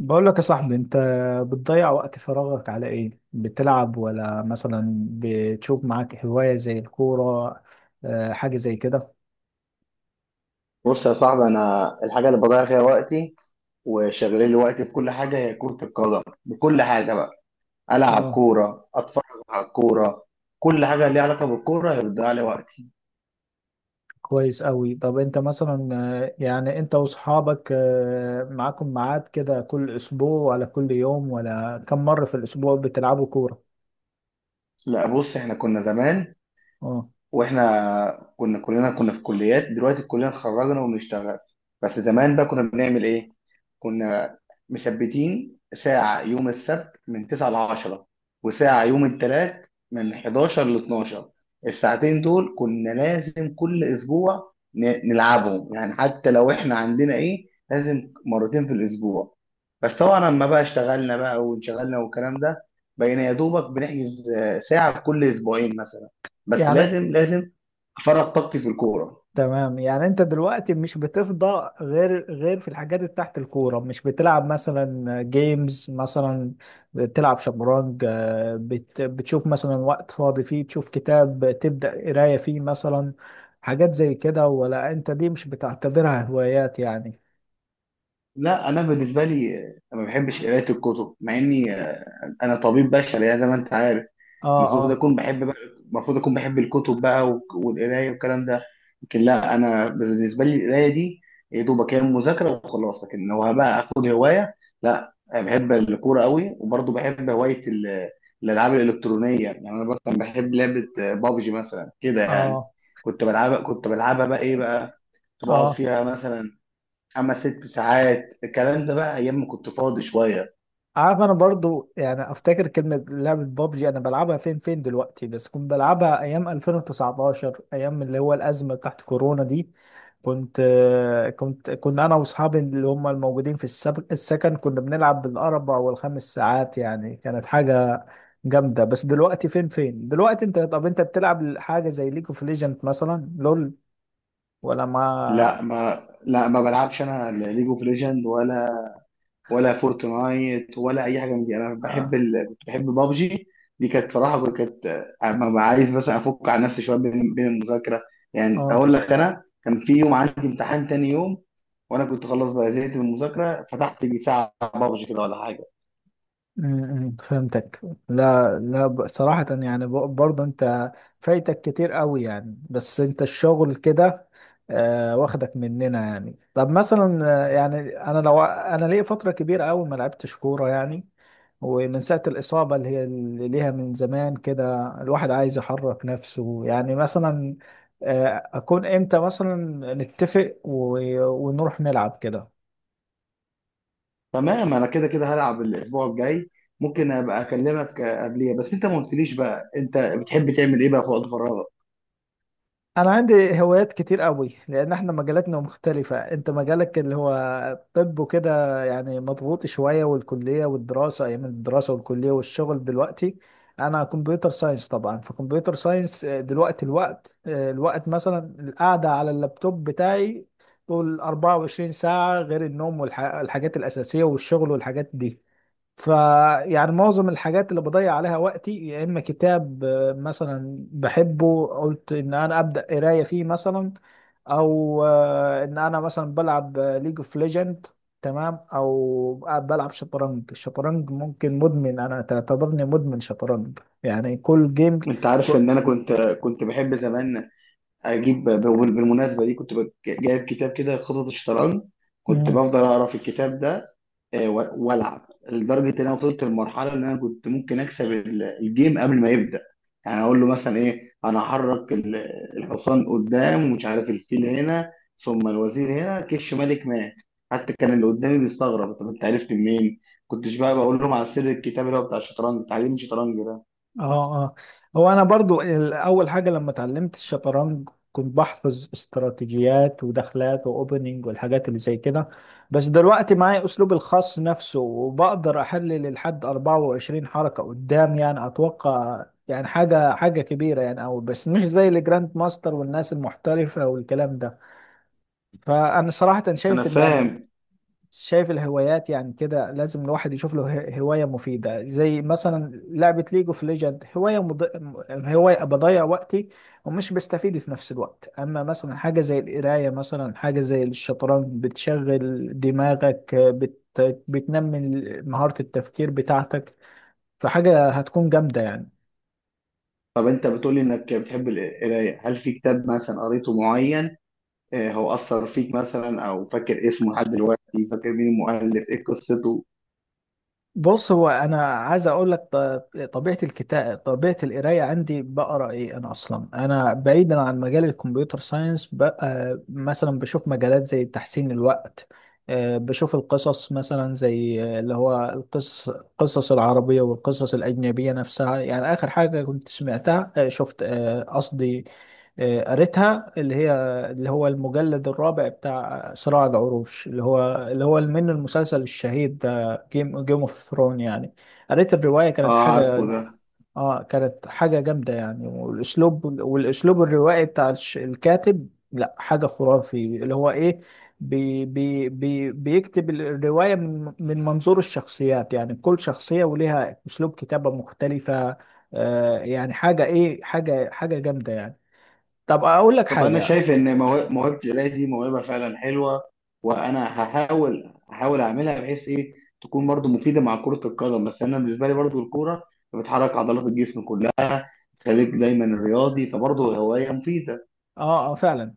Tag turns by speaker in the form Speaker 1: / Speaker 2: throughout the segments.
Speaker 1: بقول لك يا صاحبي، انت بتضيع وقت فراغك على ايه؟ بتلعب ولا مثلا بتشوف معاك هواية زي الكورة؟ آه، حاجة زي كده.
Speaker 2: بص يا صاحبي، انا الحاجه اللي بضيع فيها وقتي وشغلين لي وقتي في كل حاجه هي كره القدم، بكل حاجه بقى. العب
Speaker 1: اه.
Speaker 2: كوره، اتفرج على الكوره. كل حاجه ليها علاقه بالكوره هي بتضيع لي وقتي.
Speaker 1: كويس قوي. طب انت مثلا، آه، يعني انت واصحابك، آه، معاكم ميعاد كده كل اسبوع ولا كل يوم ولا كم مرة في الاسبوع بتلعبوا كورة؟
Speaker 2: لا بص، احنا كنا زمان،
Speaker 1: اه.
Speaker 2: واحنا كنا كلنا كنا في كليات. دلوقتي كلنا اتخرجنا وبنشتغل. بس زمان بقى كنا بنعمل ايه؟ كنا مثبتين ساعة يوم السبت من 9 ل 10، وساعة يوم الثلاث من 11 ل 12. الساعتين دول كنا لازم كل اسبوع نلعبهم، يعني حتى لو احنا عندنا ايه، لازم مرتين في الاسبوع. بس طبعا لما بقى اشتغلنا بقى وانشغلنا والكلام ده، بقينا يا دوبك بنحجز ساعة كل اسبوعين مثلا، بس
Speaker 1: يعني
Speaker 2: لازم لازم افرغ طاقتي في الكوره.
Speaker 1: تمام، يعني انت دلوقتي مش بتفضى غير في الحاجات اللي تحت الكورة؟ مش بتلعب مثلا جيمز مثلا، بتلعب شطرنج، آه، بتشوف مثلا وقت فاضي فيه تشوف كتاب، تبدأ قراية فيه مثلا، حاجات زي كده؟ ولا انت دي مش بتعتبرها هوايات يعني؟
Speaker 2: لا انا بالنسبه لي ما بحبش قرايه الكتب، مع اني انا طبيب بشري يعني، زي ما انت عارف،
Speaker 1: اه،
Speaker 2: المفروض
Speaker 1: اه،
Speaker 2: اكون بحب بقى، المفروض اكون بحب الكتب بقى والقرايه والكلام ده. لكن لا، انا بالنسبه لي القرايه دي يا دوبك هي مذاكره وخلاص. لكن لو بقى اخد هوايه، لا، أنا بحب الكوره قوي. وبرضه بحب هوايه الالعاب الالكترونيه. يعني انا مثلا بحب لعبه بابجي مثلا كده، يعني
Speaker 1: اه،
Speaker 2: كنت بلعبها بقى ايه بقى. كنت بقعد
Speaker 1: اه.
Speaker 2: فيها مثلا خمس ست ساعات، الكلام ده بقى ايام ما كنت فاضي شويه.
Speaker 1: عارف، انا برضو يعني افتكر كلمة لعبة بابجي. انا بلعبها فين دلوقتي، بس كنت بلعبها ايام 2019، ايام اللي هو الازمة بتاعت كورونا دي. كنت كنت كنا انا واصحابي اللي هم الموجودين في السكن، كنا بنلعب بالاربع والخمس ساعات، يعني كانت حاجة جامدة. بس دلوقتي فين دلوقتي. انت طب انت بتلعب حاجة زي ليج اوف ليجند مثلا، لول، ولا ما.
Speaker 2: لا ما بلعبش انا ليج اوف ليجند، ولا فورتنايت ولا اي حاجه من دي. انا بحب
Speaker 1: اه.
Speaker 2: كنت بحب بابجي. دي كانت صراحه كانت، اما ببقى عايز مثلا افك عن نفسي شويه بين بين المذاكره. يعني
Speaker 1: آه.
Speaker 2: اقول لك، انا كان في يوم عندي امتحان تاني يوم، وانا كنت خلاص بقى زهقت من المذاكره، فتحت لي ساعه بابجي كده ولا حاجه.
Speaker 1: فهمتك. لا لا، صراحة يعني، برضه انت فايتك كتير قوي يعني، بس انت الشغل كده، آه، واخدك مننا يعني. طب مثلا، آه، يعني انا، لو انا ليا فترة كبيرة قوي ما لعبتش كورة يعني، ومن ساعة الإصابة اللي هي اللي ليها من زمان كده، الواحد عايز يحرك نفسه يعني مثلا، آه، أكون إمتى مثلا نتفق ونروح نلعب كده؟
Speaker 2: تمام، انا كده كده هلعب الاسبوع الجاي. ممكن ابقى اكلمك قبليها. بس انت ما قلتليش بقى انت بتحب تعمل ايه بقى في وقت فراغك؟
Speaker 1: انا عندي هوايات كتير قوي، لان احنا مجالاتنا مختلفة. انت مجالك اللي هو الطب وكده، يعني مضغوط شوية، والكلية والدراسة ايام الدراسة والكلية والشغل دلوقتي. انا كمبيوتر ساينس طبعا، فكمبيوتر ساينس، آه، دلوقتي الوقت، آه، الوقت مثلا، القعدة على اللابتوب بتاعي طول 24 ساعة، غير النوم والحاجات الأساسية والشغل والحاجات دي. فيعني معظم الحاجات اللي بضيع عليها وقتي، يا اما كتاب، آه، مثلا بحبه، قلت ان انا ابدا قرايه فيه مثلا، او آه، ان انا مثلا بلعب ليج اوف ليجند، تمام، او بلعب شطرنج. الشطرنج ممكن، مدمن، انا تعتبرني مدمن شطرنج يعني كل جيم.
Speaker 2: انت عارف ان انا كنت بحب زمان اجيب، بالمناسبه دي كنت جايب كتاب كده خطط الشطرنج. كنت بفضل اقرا في الكتاب ده، والعب لدرجه ان انا وصلت للمرحله ان انا كنت ممكن اكسب الجيم قبل ما يبدا. يعني اقول له مثلا ايه، انا هحرك الحصان قدام، ومش عارف الفيل هنا، ثم الوزير هنا كش ملك مات. حتى كان اللي قدامي بيستغرب، طب انت عرفت منين؟ كنتش بقى بقول لهم على سر الكتاب اللي هو بتاع الشطرنج، تعليم الشطرنج ده.
Speaker 1: اه، اه. هو انا برضو اول حاجه لما اتعلمت الشطرنج كنت بحفظ استراتيجيات ودخلات واوبننج والحاجات اللي زي كده، بس دلوقتي معايا اسلوبي الخاص نفسه، وبقدر احلل لحد 24 حركه قدام يعني. اتوقع يعني حاجه، حاجه كبيره يعني، او بس مش زي الجراند ماستر والناس المحترفه والكلام ده. فانا صراحه
Speaker 2: انا
Speaker 1: شايف ان
Speaker 2: فاهم.
Speaker 1: شايف الهوايات يعني كده لازم الواحد يشوف له هواية مفيدة. زي مثلا لعبة ليج اوف ليجند، هواية هواية بضيع وقتي ومش بستفيد في نفس الوقت، اما مثلا حاجة زي القراية، مثلا حاجة زي الشطرنج، بتشغل دماغك، بتنمي مهارة التفكير بتاعتك، فحاجة هتكون جامدة يعني.
Speaker 2: طب انت بتقول لي انك بتحب القرايه، هل في كتاب مثلا قريته معين هو اثر فيك مثلا، او فاكر اسمه لحد دلوقتي، فاكر مين المؤلف، ايه قصته؟
Speaker 1: بص، هو انا عايز اقول لك طبيعه الكتاب، طبيعه القرايه عندي، بقرا ايه انا اصلا. انا بعيدا عن مجال الكمبيوتر ساينس بقى، مثلا بشوف مجالات زي تحسين الوقت، آه، بشوف القصص مثلا، زي آه، اللي هو القصص، العربيه والقصص الاجنبيه نفسها يعني. اخر حاجه كنت سمعتها، آه، شفت، آه، قصدي، آه، قريتها، اللي هو المجلد الرابع بتاع صراع العروش اللي هو، من المسلسل الشهير جيم اوف ثرون يعني. قريت الرواية،
Speaker 2: اه
Speaker 1: كانت
Speaker 2: عارفه
Speaker 1: حاجة.
Speaker 2: ده.
Speaker 1: اه، كانت حاجة جامدة يعني. والاسلوب، الروائي بتاع الكاتب، لا حاجة خرافي. اللي هو ايه، بي بي بي بيكتب الرواية من منظور الشخصيات يعني، كل شخصية وليها اسلوب كتابة مختلفة. آه يعني حاجة ايه، حاجة جامدة يعني. طب اقول لك
Speaker 2: طب انا
Speaker 1: حاجة.
Speaker 2: شايف ان موهبه القرايه دي موهبه فعلا حلوه. وانا هحاول اعملها بحيث ايه تكون برضو مفيده مع كره القدم. بس انا بالنسبه لي برضو الكوره بتحرك عضلات الجسم كلها، تخليك دايما رياضي، فبرضه هوايه مفيده.
Speaker 1: اه، اه، فعلا.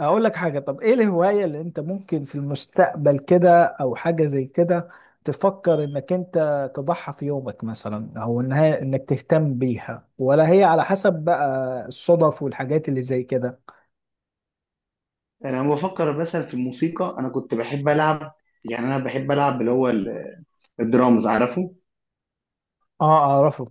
Speaker 1: اقول لك حاجة. طب ايه الهواية اللي انت ممكن في المستقبل كده او حاجة زي كده تفكر انك انت تضحي في يومك مثلا، او انك تهتم بيها، ولا هي على حسب بقى الصدف والحاجات اللي زي كده؟
Speaker 2: انا لما بفكر مثلا في الموسيقى، انا كنت بحب العب. يعني انا بحب العب اللي هو الدرامز، عارفه.
Speaker 1: اه، اعرفه.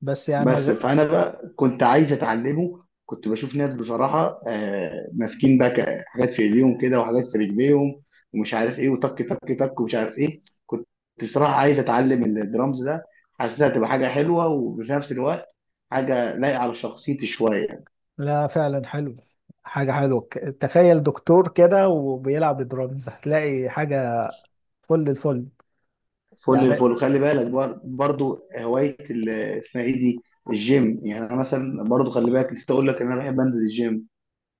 Speaker 1: بس يعني،
Speaker 2: بس فانا بقى كنت عايز اتعلمه. كنت بشوف ناس بصراحه ماسكين بقى حاجات في ايديهم كده وحاجات في رجليهم، ومش عارف ايه، وتك تك تك، ومش عارف ايه. كنت بصراحه عايز اتعلم الدرامز ده. حاسسها تبقى حاجه حلوه، وفي نفس الوقت حاجه لايقه على شخصيتي شويه.
Speaker 1: لا، فعلا حلو. حاجة حلوة. تخيل دكتور كده وبيلعب درامز، هتلاقي حاجة فل الفل
Speaker 2: فل
Speaker 1: يعني.
Speaker 2: الفل. خلي بالك برضو هوايه اسمها ايه دي، الجيم. يعني انا مثلا برضو خلي بالك نسيت اقول لك ان انا بحب انزل الجيم.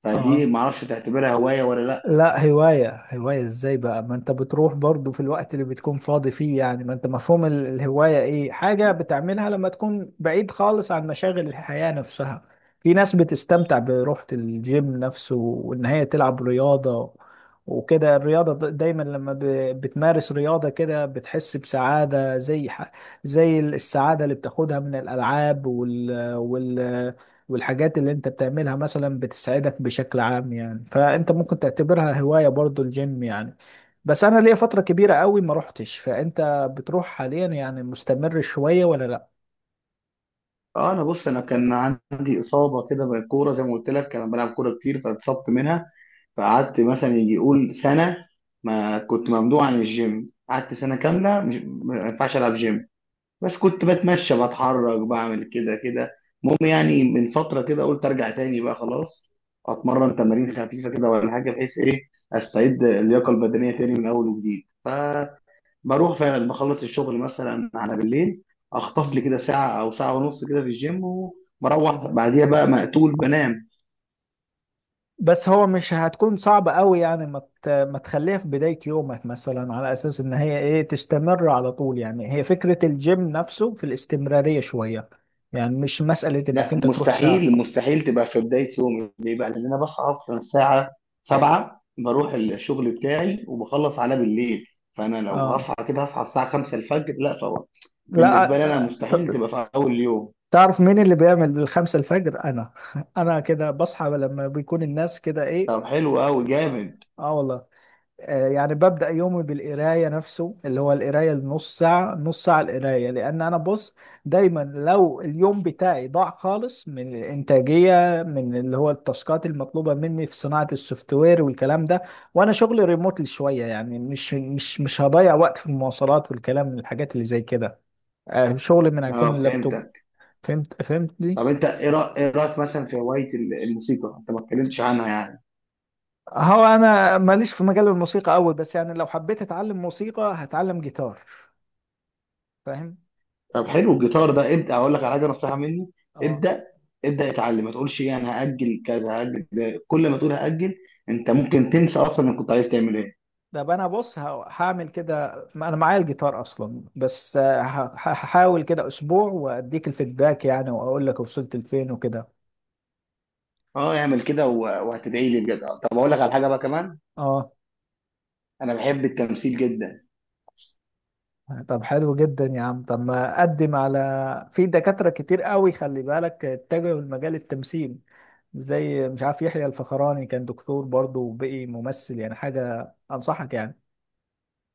Speaker 2: فدي
Speaker 1: اه.
Speaker 2: معرفش تعتبرها هوايه ولا لا.
Speaker 1: لا، هواية، هواية ازاي بقى؟ ما انت بتروح برضو في الوقت اللي بتكون فاضي فيه يعني. ما انت مفهوم الهواية ايه؟ حاجة بتعملها لما تكون بعيد خالص عن مشاغل الحياة نفسها. في ناس بتستمتع بروحة الجيم نفسه، وان هي تلعب رياضة وكده. الرياضة دايما لما بتمارس رياضة كده بتحس بسعادة، زي زي السعادة اللي بتاخدها من الألعاب والحاجات اللي انت بتعملها مثلا، بتسعدك بشكل عام يعني. فانت ممكن تعتبرها هواية برضو، الجيم يعني. بس انا ليا فترة كبيرة قوي ما روحتش. فانت بتروح حاليا يعني؟ مستمر شوية ولا لا؟
Speaker 2: اه، انا بص، انا كان عندي اصابه كده بالكوره، زي ما قلت لك انا بلعب كوره كتير فاتصبت منها. فقعدت مثلا يجي يقول سنه، ما كنت ممنوع عن الجيم. قعدت سنه كامله مش ما ينفعش العب جيم. بس كنت بتمشى، بتحرك، بعمل كده كده. المهم يعني من فتره كده قلت ارجع تاني بقى خلاص. اتمرن تمارين خفيفه كده ولا حاجه، بحيث ايه استعيد اللياقه البدنيه تاني من اول وجديد. بروح فعلا بخلص الشغل مثلا على بالليل، اخطف لي
Speaker 1: مم.
Speaker 2: كده ساعه او ساعه ونص كده في الجيم، وبروح بعديها بقى مقتول بنام.
Speaker 1: بس هو مش هتكون صعبة قوي يعني ما تخليها في بداية يومك مثلا، على اساس ان هي ايه تستمر على طول؟ يعني هي فكرة الجيم نفسه في الاستمرارية شوية، يعني مش مسألة انك
Speaker 2: لا،
Speaker 1: انت تروح ساعة.
Speaker 2: مستحيل مستحيل تبقى في بدايه يومي، ليه بقى؟ لان انا بصحى اصلا الساعه 7، بروح الشغل بتاعي وبخلص على بالليل. فانا لو
Speaker 1: اه.
Speaker 2: هصحى كده هصحى الساعه 5 الفجر، لا طبعا. بالنسبه لي
Speaker 1: لا،
Speaker 2: انا
Speaker 1: آه،
Speaker 2: مستحيل تبقى في اول يوم.
Speaker 1: تعرف مين اللي بيعمل الـ5 الفجر؟ انا. انا كده بصحى لما بيكون الناس كده ايه.
Speaker 2: طب حلو قوي،
Speaker 1: اه.
Speaker 2: جامد.
Speaker 1: آه والله. آه، يعني ببدأ يومي بالقراية نفسه، اللي هو القراية النص ساعة، نص ساعة القراية، لأن أنا، بص، دايما لو اليوم بتاعي ضاع خالص من الإنتاجية، من اللي هو التاسكات المطلوبة مني في صناعة السوفت وير والكلام ده، وأنا شغلي ريموتلي شوية يعني، مش، مش هضيع وقت في المواصلات والكلام، من الحاجات اللي زي كده، آه، شغلي من هيكون
Speaker 2: اه
Speaker 1: اللابتوب.
Speaker 2: فهمتك.
Speaker 1: فهمتني.
Speaker 2: طب انت ايه إيه رايك مثلا في هوايه الموسيقى؟ انت ما اتكلمتش عنها يعني.
Speaker 1: هو انا ماليش في مجال الموسيقى قوي، بس يعني لو حبيت اتعلم موسيقى هتعلم جيتار، فاهم.
Speaker 2: طب حلو الجيتار ده. ابدا، اقول لك على حاجه نصيحه مني،
Speaker 1: اه.
Speaker 2: ابدا، ابدا اتعلم. ما تقولش ايه انا هاجل كذا، هاجل ده. كل ما تقول هاجل انت ممكن تنسى اصلا انك كنت عايز تعمل ايه.
Speaker 1: ده بقى انا، بص، هعمل كده، ما انا معايا الجيتار اصلا، بس آه، هحاول كده اسبوع واديك الفيدباك يعني، واقول لك وصلت لفين وكده.
Speaker 2: اه، اعمل كده وهتدعي لي بجد. طب اقول لك على حاجه بقى كمان،
Speaker 1: اه.
Speaker 2: انا بحب التمثيل جدا.
Speaker 1: طب حلو جدا يا عم. طب ما اقدم. على في دكاترة كتير قوي خلي بالك اتجهوا لمجال التمثيل، زي مش عارف يحيى الفخراني كان دكتور برضه وبقي ممثل يعني، حاجة انصحك يعني.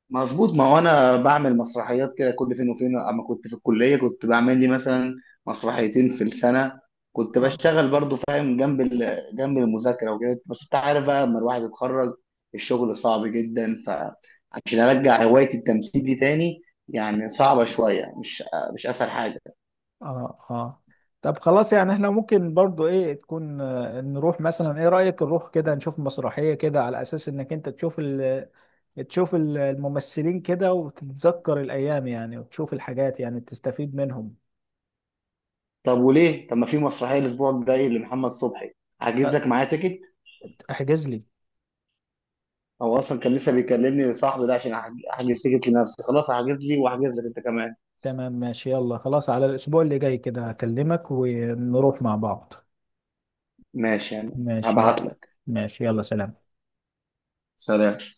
Speaker 2: مظبوط، ما هو انا بعمل مسرحيات كده كل فين وفين. اما كنت في الكليه كنت بعمل لي مثلا مسرحيتين في السنه. كنت
Speaker 1: اه،
Speaker 2: بشتغل برضو، فاهم، جنب جنب المذاكره وكده. بس انت عارف بقى لما الواحد يتخرج الشغل صعب جدا، فعشان ارجع هوايه التمثيل دي تاني يعني صعبه شويه، مش اسهل حاجه.
Speaker 1: اه، اه. طب خلاص، يعني احنا ممكن برضو ايه تكون، آه، نروح مثلا، ايه رأيك نروح كده نشوف مسرحية كده، على اساس انك انت تشوف ال، الممثلين كده وتتذكر الايام يعني، وتشوف الحاجات يعني تستفيد منهم؟
Speaker 2: طب وليه؟ طب ما في مسرحيه الاسبوع الجاي لمحمد صبحي، هحجز
Speaker 1: طب
Speaker 2: لك معايا تيكت.
Speaker 1: احجز لي.
Speaker 2: هو اصلا كان لسه بيكلمني صاحبي ده عشان أحجز تيكت لنفسي خلاص. هحجز لي واحجز لك انت كمان.
Speaker 1: تمام ماشي، يلا خلاص، على الاسبوع اللي جاي كده هكلمك، ونروح مع بعض.
Speaker 2: ماشي، يعني
Speaker 1: ماشي
Speaker 2: هبعت
Speaker 1: يلا.
Speaker 2: لك.
Speaker 1: ماشي يلا، سلام.
Speaker 2: سلام.